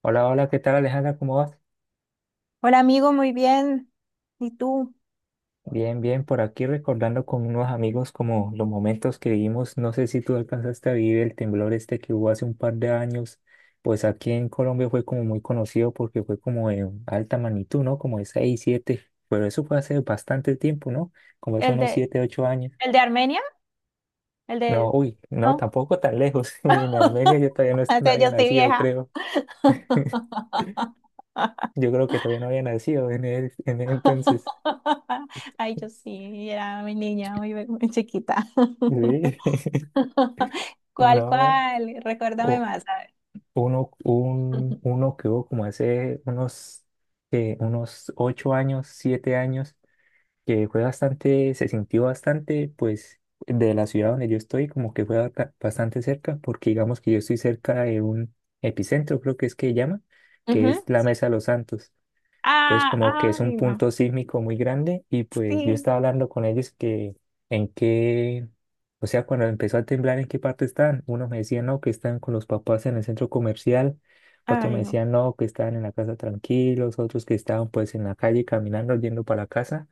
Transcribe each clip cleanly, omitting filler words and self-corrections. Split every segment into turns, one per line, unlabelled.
Hola, hola, ¿qué tal Alejandra? ¿Cómo vas?
Hola amigo, muy bien. ¿Y tú?
Bien, bien, por aquí recordando con unos amigos como los momentos que vivimos. No sé si tú alcanzaste a vivir el temblor este que hubo hace un par de años. Pues aquí en Colombia fue como muy conocido porque fue como de alta magnitud, ¿no? Como de 6 7. Pero eso fue hace bastante tiempo, ¿no? Como hace
¿El
unos
de,
7 8 años.
el de Armenia? ¿El
No,
de?
uy, no,
No?
tampoco tan lejos. En Armenia yo todavía no,
O
no
sea,
había
yo estoy
nacido,
vieja.
creo. Yo creo que todavía no había nacido en el entonces.
Ay, yo sí, era mi niña, muy, muy chiquita.
Sí.
¿Cuál,
No.
cuál? Recuérdame más, a ver.
Uno que hubo como hace unos, unos ocho años, siete años, que fue bastante, se sintió bastante, pues, de la ciudad donde yo estoy, como que fue bastante cerca, porque digamos que yo estoy cerca de un epicentro, creo que es que llama, que
Ujú,
es la
sí.
Mesa de los Santos. Entonces,
Ah,
como que es un
ay, no.
punto sísmico muy grande y pues yo
Sí.
estaba hablando con ellos que en qué, o sea, cuando empezó a temblar, en qué parte están. Unos me decían, no, que están con los papás en el centro comercial, otros me
Ay, no.
decían, no, que estaban en la casa tranquilos, otros que estaban pues en la calle caminando, yendo para la casa.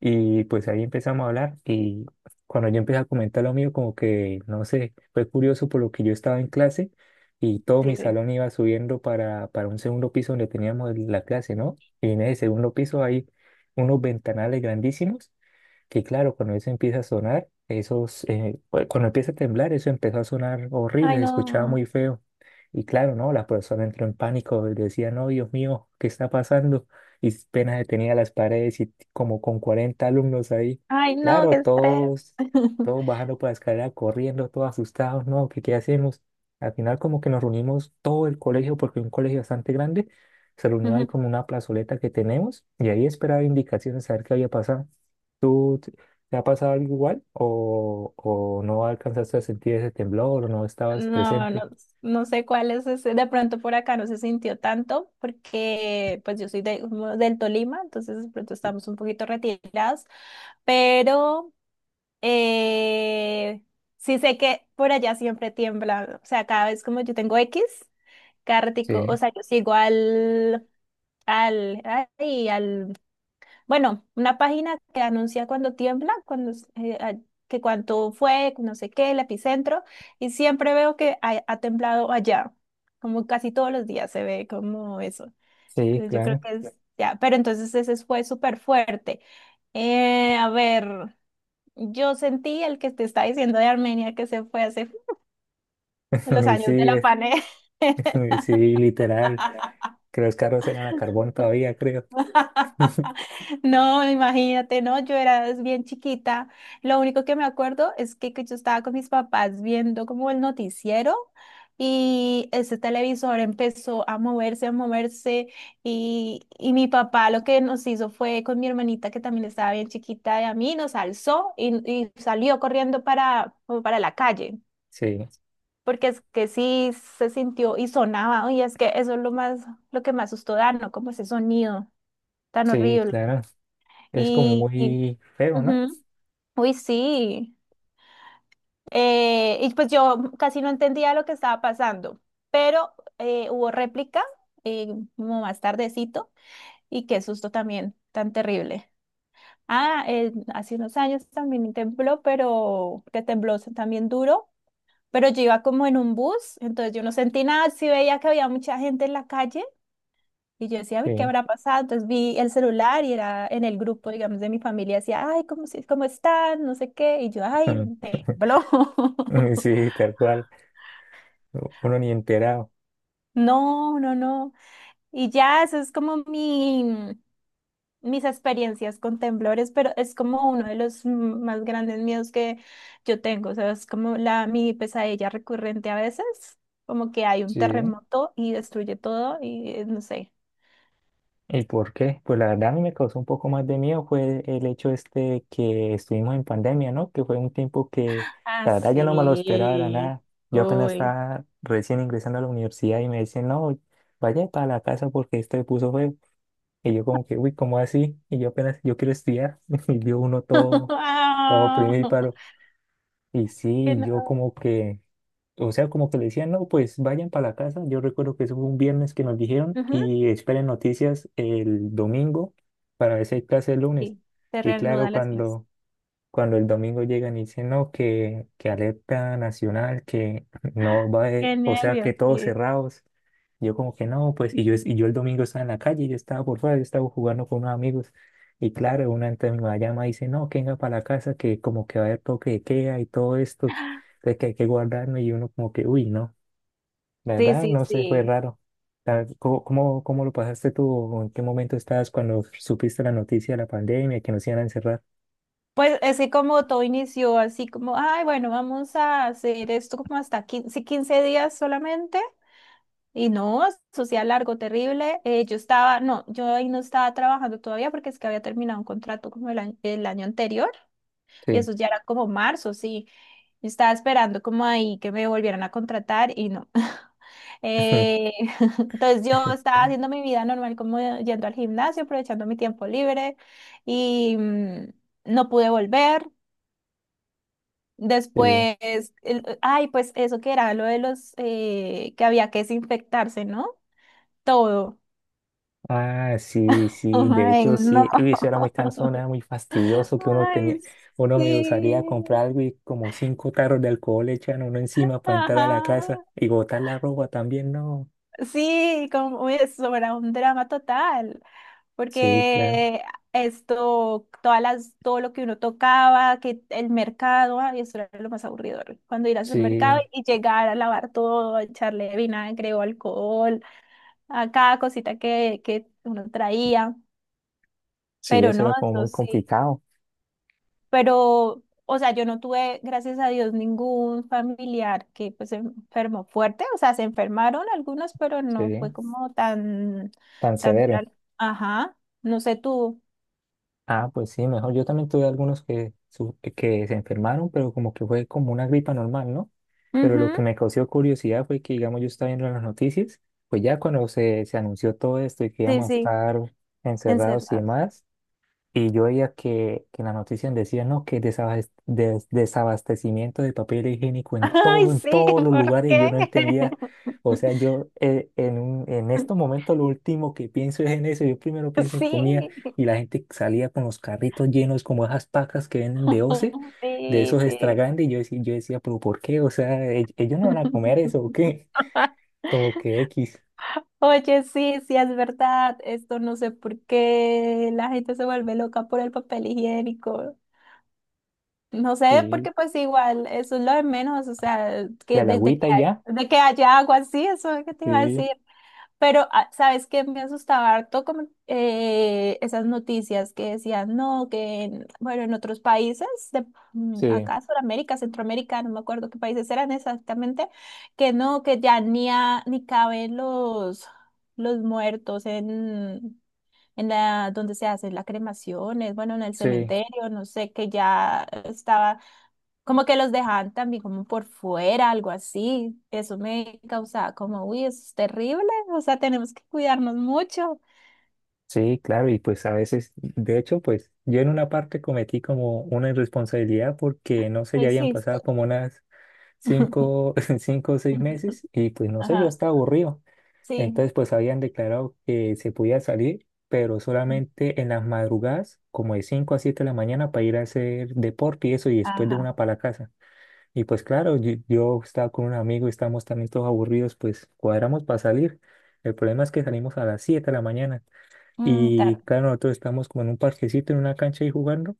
Y pues ahí empezamos a hablar y cuando yo empecé a comentar lo mío, como que, no sé, fue curioso por lo que yo estaba en clase y todo
Sí,
mi
sí.
salón iba subiendo para un segundo piso donde teníamos la clase, ¿no? Y en ese segundo piso hay unos ventanales grandísimos que claro, cuando eso empieza a sonar, esos, cuando empieza a temblar, eso empezó a sonar horrible,
Ay,
se escuchaba
no.
muy feo. Y claro, no, la persona entró en pánico, y decía, no, Dios mío, ¿qué está pasando? Y apenas detenía las paredes y como con 40 alumnos ahí.
Ay, no, qué
Claro,
estrés.
todos, todos bajando por la escalera, corriendo, todos asustados, no, ¿qué, qué hacemos? Al final como que nos reunimos todo el colegio, porque es un colegio bastante grande, se reunió ahí
Ujú.
como una plazoleta que tenemos y ahí esperaba indicaciones a ver qué había pasado. ¿Tú te ha pasado algo igual o no alcanzaste a sentir ese temblor o no estabas
No, no,
presente?
no sé cuál es ese. De pronto por acá no se sintió tanto porque pues yo soy como del Tolima, entonces de pronto estamos un poquito retirados, pero eh, sí sé que por allá siempre tiembla, o sea, cada vez como yo tengo X, cada ratico,
Sí.
o sea, yo sigo al, al, ay, al bueno, una página que anuncia cuando tiembla, que cuánto fue, no sé qué, el epicentro, y siempre veo que ha temblado allá, como casi todos los días se ve como eso.
Sí,
Entonces yo creo
claro.
que es ya, pero entonces ese fue súper fuerte. A ver, yo sentí el que te está diciendo de Armenia que se fue hace en los
Y sí,
años de la pane.
sí, literal. Que los carros eran a carbón todavía, creo.
No, imagínate, no, yo era bien chiquita. Lo único que me acuerdo es que yo estaba con mis papás viendo como el noticiero y ese televisor empezó a moverse y mi papá lo que nos hizo fue con mi hermanita que también estaba bien chiquita de a mí, nos alzó y salió corriendo como para la calle.
Sí,
Porque es que sí se sintió y sonaba, y es que eso es lo que me asustó, dar, ¿no? Como ese sonido tan
sí,
horrible.
claro. Es como
Y, y-
muy feo, ¿no?
Ujú, uy, sí. Y pues yo casi no entendía lo que estaba pasando, pero hubo réplica eh, como más tardecito y qué susto también tan terrible. Ah, hace unos años también tembló, pero que tembló también duro, pero yo iba como en un bus, entonces yo no sentí nada, sí veía que había mucha gente en la calle. Y yo decía, "Ay, ¿qué
Sí,
habrá pasado?" Entonces vi el celular y era en el grupo, digamos, de mi familia. Decía, ay, ¿cómo están? No sé qué. Y yo, ay, de blo.
sí, tal cual. Uno ni enterado.
No, no, no. Y ya, eso es como mis experiencias con temblores, pero es como uno de los más grandes miedos que yo tengo. O sea, es como mi pesadilla recurrente a veces, como que hay un
Sí.
terremoto y destruye todo y no sé.
¿Y por qué? Pues la verdad a mí me causó un poco más de miedo fue el hecho este que estuvimos en pandemia, ¿no? Que fue un tiempo que
Ah,
la verdad yo no me lo esperaba de la
sí.
nada. Yo apenas
Uy.
estaba recién ingresando a la universidad y me decían, no, vaya para la casa porque esto se puso feo. Y yo como que, uy, ¿cómo así? Y yo apenas, yo quiero estudiar. Y yo uno todo, todo
Ah,
primíparo. Y
que
sí, yo
no-
como que, o sea, como que le decían, no, pues vayan para la casa. Yo recuerdo que eso fue un viernes que nos dijeron
Ujú,
y esperen noticias el domingo para ver si hay clase el lunes.
sí, se
Y claro,
reanuda las clases.
cuando el domingo llegan y dicen, no, que alerta nacional, que no va,
Qué
o sea, que
nervios.
todos
Sí.
cerrados. Yo como que no, pues, y yo, es y yo el domingo estaba en la calle, yo estaba por fuera, yo estaba jugando con unos amigos. Y claro, una entre mi mamá llama y dice, no, que venga para la casa, que como que va a haber toque de queda y todo esto, entonces que hay que guardarnos y uno como que, uy, no, la
Sí,
verdad,
sí,
no sé, fue
sí.
raro. ¿Cómo lo pasaste tú? ¿O ¿En qué momento estabas cuando supiste la noticia de la pandemia, que nos iban a encerrar?
Pues es que como todo inició así como, ay, bueno, vamos a hacer esto como hasta quince días solamente. Y no, eso sí, era largo, terrible. Yo estaba, no, yo ahí no estaba trabajando.
Sí.
Yo estaba esperando como ahí que me volvieran a contratar y no. Eh, entonces yo estaba haciendo mi vida normal como yendo al gimnasio, aprovechando mi tiempo libre y no pude volver.
Sí.
Después, ay, pues eso que era lo de los que había que desinfectarse, ¿no? Todo.
Ah, sí, sí, de
Ay,
hecho
no.
sí, y eso era muy cansón, era muy fastidioso que uno
Ay,
tenía, uno me salía a
sí.
comprar algo y como cinco tarros de alcohol le echan a uno encima para entrar a la casa
Ajá.
y botar la ropa también, no.
Sí, como eso era un drama total,
Sí, claro,
porque esto, todo lo que uno tocaba, que el mercado, ay, eso era lo más aburrido, cuando ir a hacer
sí,
mercado y llegar a lavar todo, a echarle vinagre o alcohol, a cada cosita que uno traía,
sí,
pero
eso
no,
era como
eso
muy
sí
complicado,
pero, o sea, yo no tuve, gracias a Dios, ningún familiar que pues se enfermó fuerte, o sea, se enfermaron algunos, pero
sí,
no fue como tan,
tan
tan,
severo.
dra- ajá, no sé tú.
Ah, pues sí, mejor. Yo también tuve algunos que, que se enfermaron, pero como que fue como una gripa normal, ¿no? Pero lo
Ujú,
que me causó curiosidad fue que, digamos, yo estaba viendo las noticias, pues ya cuando se anunció todo esto y que
sí,
íbamos a
sí,
estar encerrados y
encerrados.
demás. Y yo veía que en la noticia decían, no, que desabastecimiento de papel higiénico en todo,
Ay,
en
sí,
todos los
¿por
lugares, y yo
qué?
no entendía. O sea, yo en estos momentos lo último que pienso es en eso. Yo primero pienso en
Sí,
comida y la gente salía con los carritos llenos como esas pacas que venden de OCE, de
sí,
esos extra
sí.
grandes. Y yo decía, pero ¿por qué? O sea, ellos no van a comer eso o qué? Como que X.
Oye, sí, sí, es verdad. Esto no sé por qué la gente se vuelve loca por el papel higiénico. No sé,
Sí,
porque pues igual, eso es lo de menos, o sea, que
de la
desde que,
agüita y ya.
de que haya agua así, eso es lo que te iba a
Sí,
decir. Pero, ah, ¿sabes qué? Me asustaba harto como esas noticias que decían, no, que, bueno, en otros países, de,
sí,
acá, Sudamérica, Centroamérica, no me acuerdo qué países eran exactamente, que no, que ya ni, ni caben los muertos en la donde se hacen las cremaciones, bueno, en el
sí.
cementerio, no sé, que ya estaba como que los dejaban también como por fuera, algo así. Eso me causaba como, uy, eso es terrible, o sea, tenemos que cuidarnos mucho.
Sí, claro, y pues a veces, de hecho, pues yo en una parte cometí como una irresponsabilidad porque no sé, ya habían
Existe.
pasado como unas cinco, cinco o seis meses y pues no sé, yo
Ajá,
estaba aburrido.
sí,
Entonces pues habían declarado que se podía salir, pero solamente en las madrugadas, como de cinco a siete de la mañana para ir a hacer deporte y eso, y después de
ajá.
una para la casa. Y pues claro, yo estaba con un amigo, estamos también todos aburridos, pues cuadramos para salir. El problema es que salimos a las siete de la mañana.
Mm, tarde.
Y claro, nosotros estamos como en un parquecito, en una cancha ahí jugando.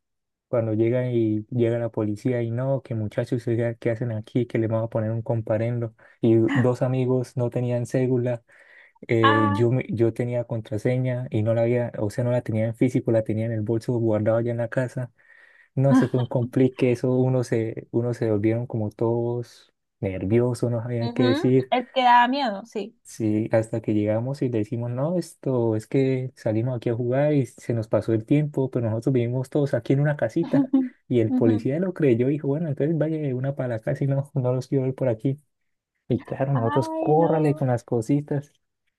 Cuando llega y llega la policía y no, que muchachos, oiga, ¿qué hacen aquí? Que le vamos a poner un comparendo. Y dos amigos no tenían cédula,
Ah,
yo tenía contraseña y no la había, o sea, no la tenía en físico, la tenía en el bolso guardado allá en la casa. No, eso fue un complique, eso uno se volvieron como todos nerviosos, no sabían qué
ujú,
decir.
el que da miedo, sí.
Sí, hasta que llegamos y le decimos, no, esto es que salimos aquí a jugar y se nos pasó el tiempo, pero nosotros vivimos todos aquí en una casita. Y el
Ujú.
policía lo creyó y dijo, bueno, entonces vaya de una para la casa y no, no los quiero ver por aquí. Y claro, nosotros
Ay,
córrale con
no.
las cositas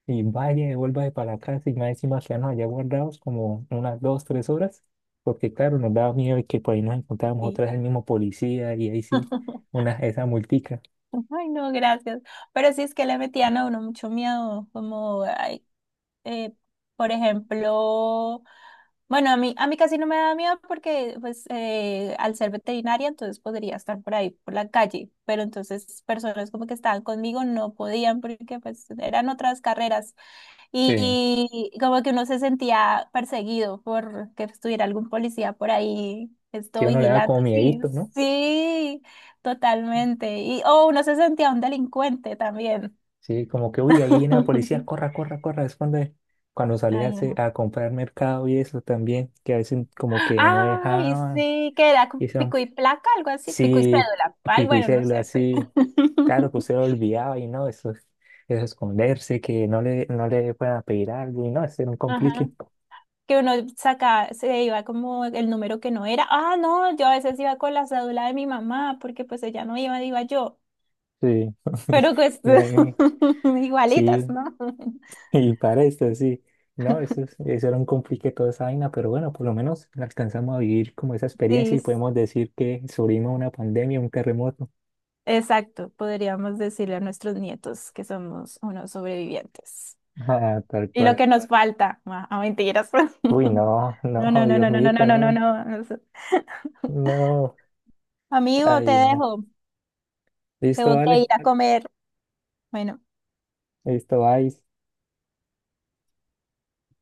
y vaya, devuélvase para la casa y más encima quedarnos allá guardados como unas dos, tres horas, porque claro, nos daba miedo de que por ahí nos encontrábamos otra
Sí.
vez el mismo policía y ahí sí, una, esa multica.
Ay, no, gracias. Pero sí es que le metían a uno mucho miedo, como, ay, eh, por ejemplo, bueno, a mí casi no me da miedo porque pues al ser veterinaria entonces podría estar por ahí, por la calle, pero entonces personas como que estaban conmigo no podían porque pues eran otras carreras
Sí.
y como que uno se sentía perseguido por que estuviera algún policía por ahí.
Sí,
Esto
a uno le da
vigilando,
como
sí,
miedito, ¿no?
sí, totalmente. Y, o uno se sentía un delincuente también.
Sí, como que, uy, ahí viene la policía, corra, corra, corra. Es cuando salía a,
Ay, no.
a comprar mercado y eso también, que a veces como que no
Ay,
dejaban.
sí, que era
Y
con
son,
pico y placa, algo así, pico y
sí,
cédula. Ay,
pico y
bueno, no
cédula,
sé.
sí. Claro que usted lo olvidaba y no, eso es esconderse, que no le puedan pedir algo y no, eso era un
Ajá.
complique.
Que uno saca, se iba como el número que no era. Ah, no, yo a veces iba con la cédula de mi mamá, porque pues ella no iba, iba yo.
Sí,
Pero pues
Yo, eh, sí,
igualitas, ¿no?
Y para esto, sí. No, eso, eso era un complique toda esa vaina, pero bueno, por lo menos alcanzamos a vivir como esa
Sí,
experiencia y
s-
podemos decir que sobrevivimos a una pandemia, un terremoto.
exacto. Podríamos decirle a nuestros nietos que somos unos sobrevivientes.
Ah, tal
Y lo
cual.
que nos falta, ah, ah, mentiras.
Uy, no,
No,
no,
no, no,
Dios
no, no,
mío,
no, no, no, no,
no,
no.
no.
Amigo, te
Ay, no.
dejo.
Listo,
Tengo que
vale.
ir a comer. Bueno.
Listo, bye.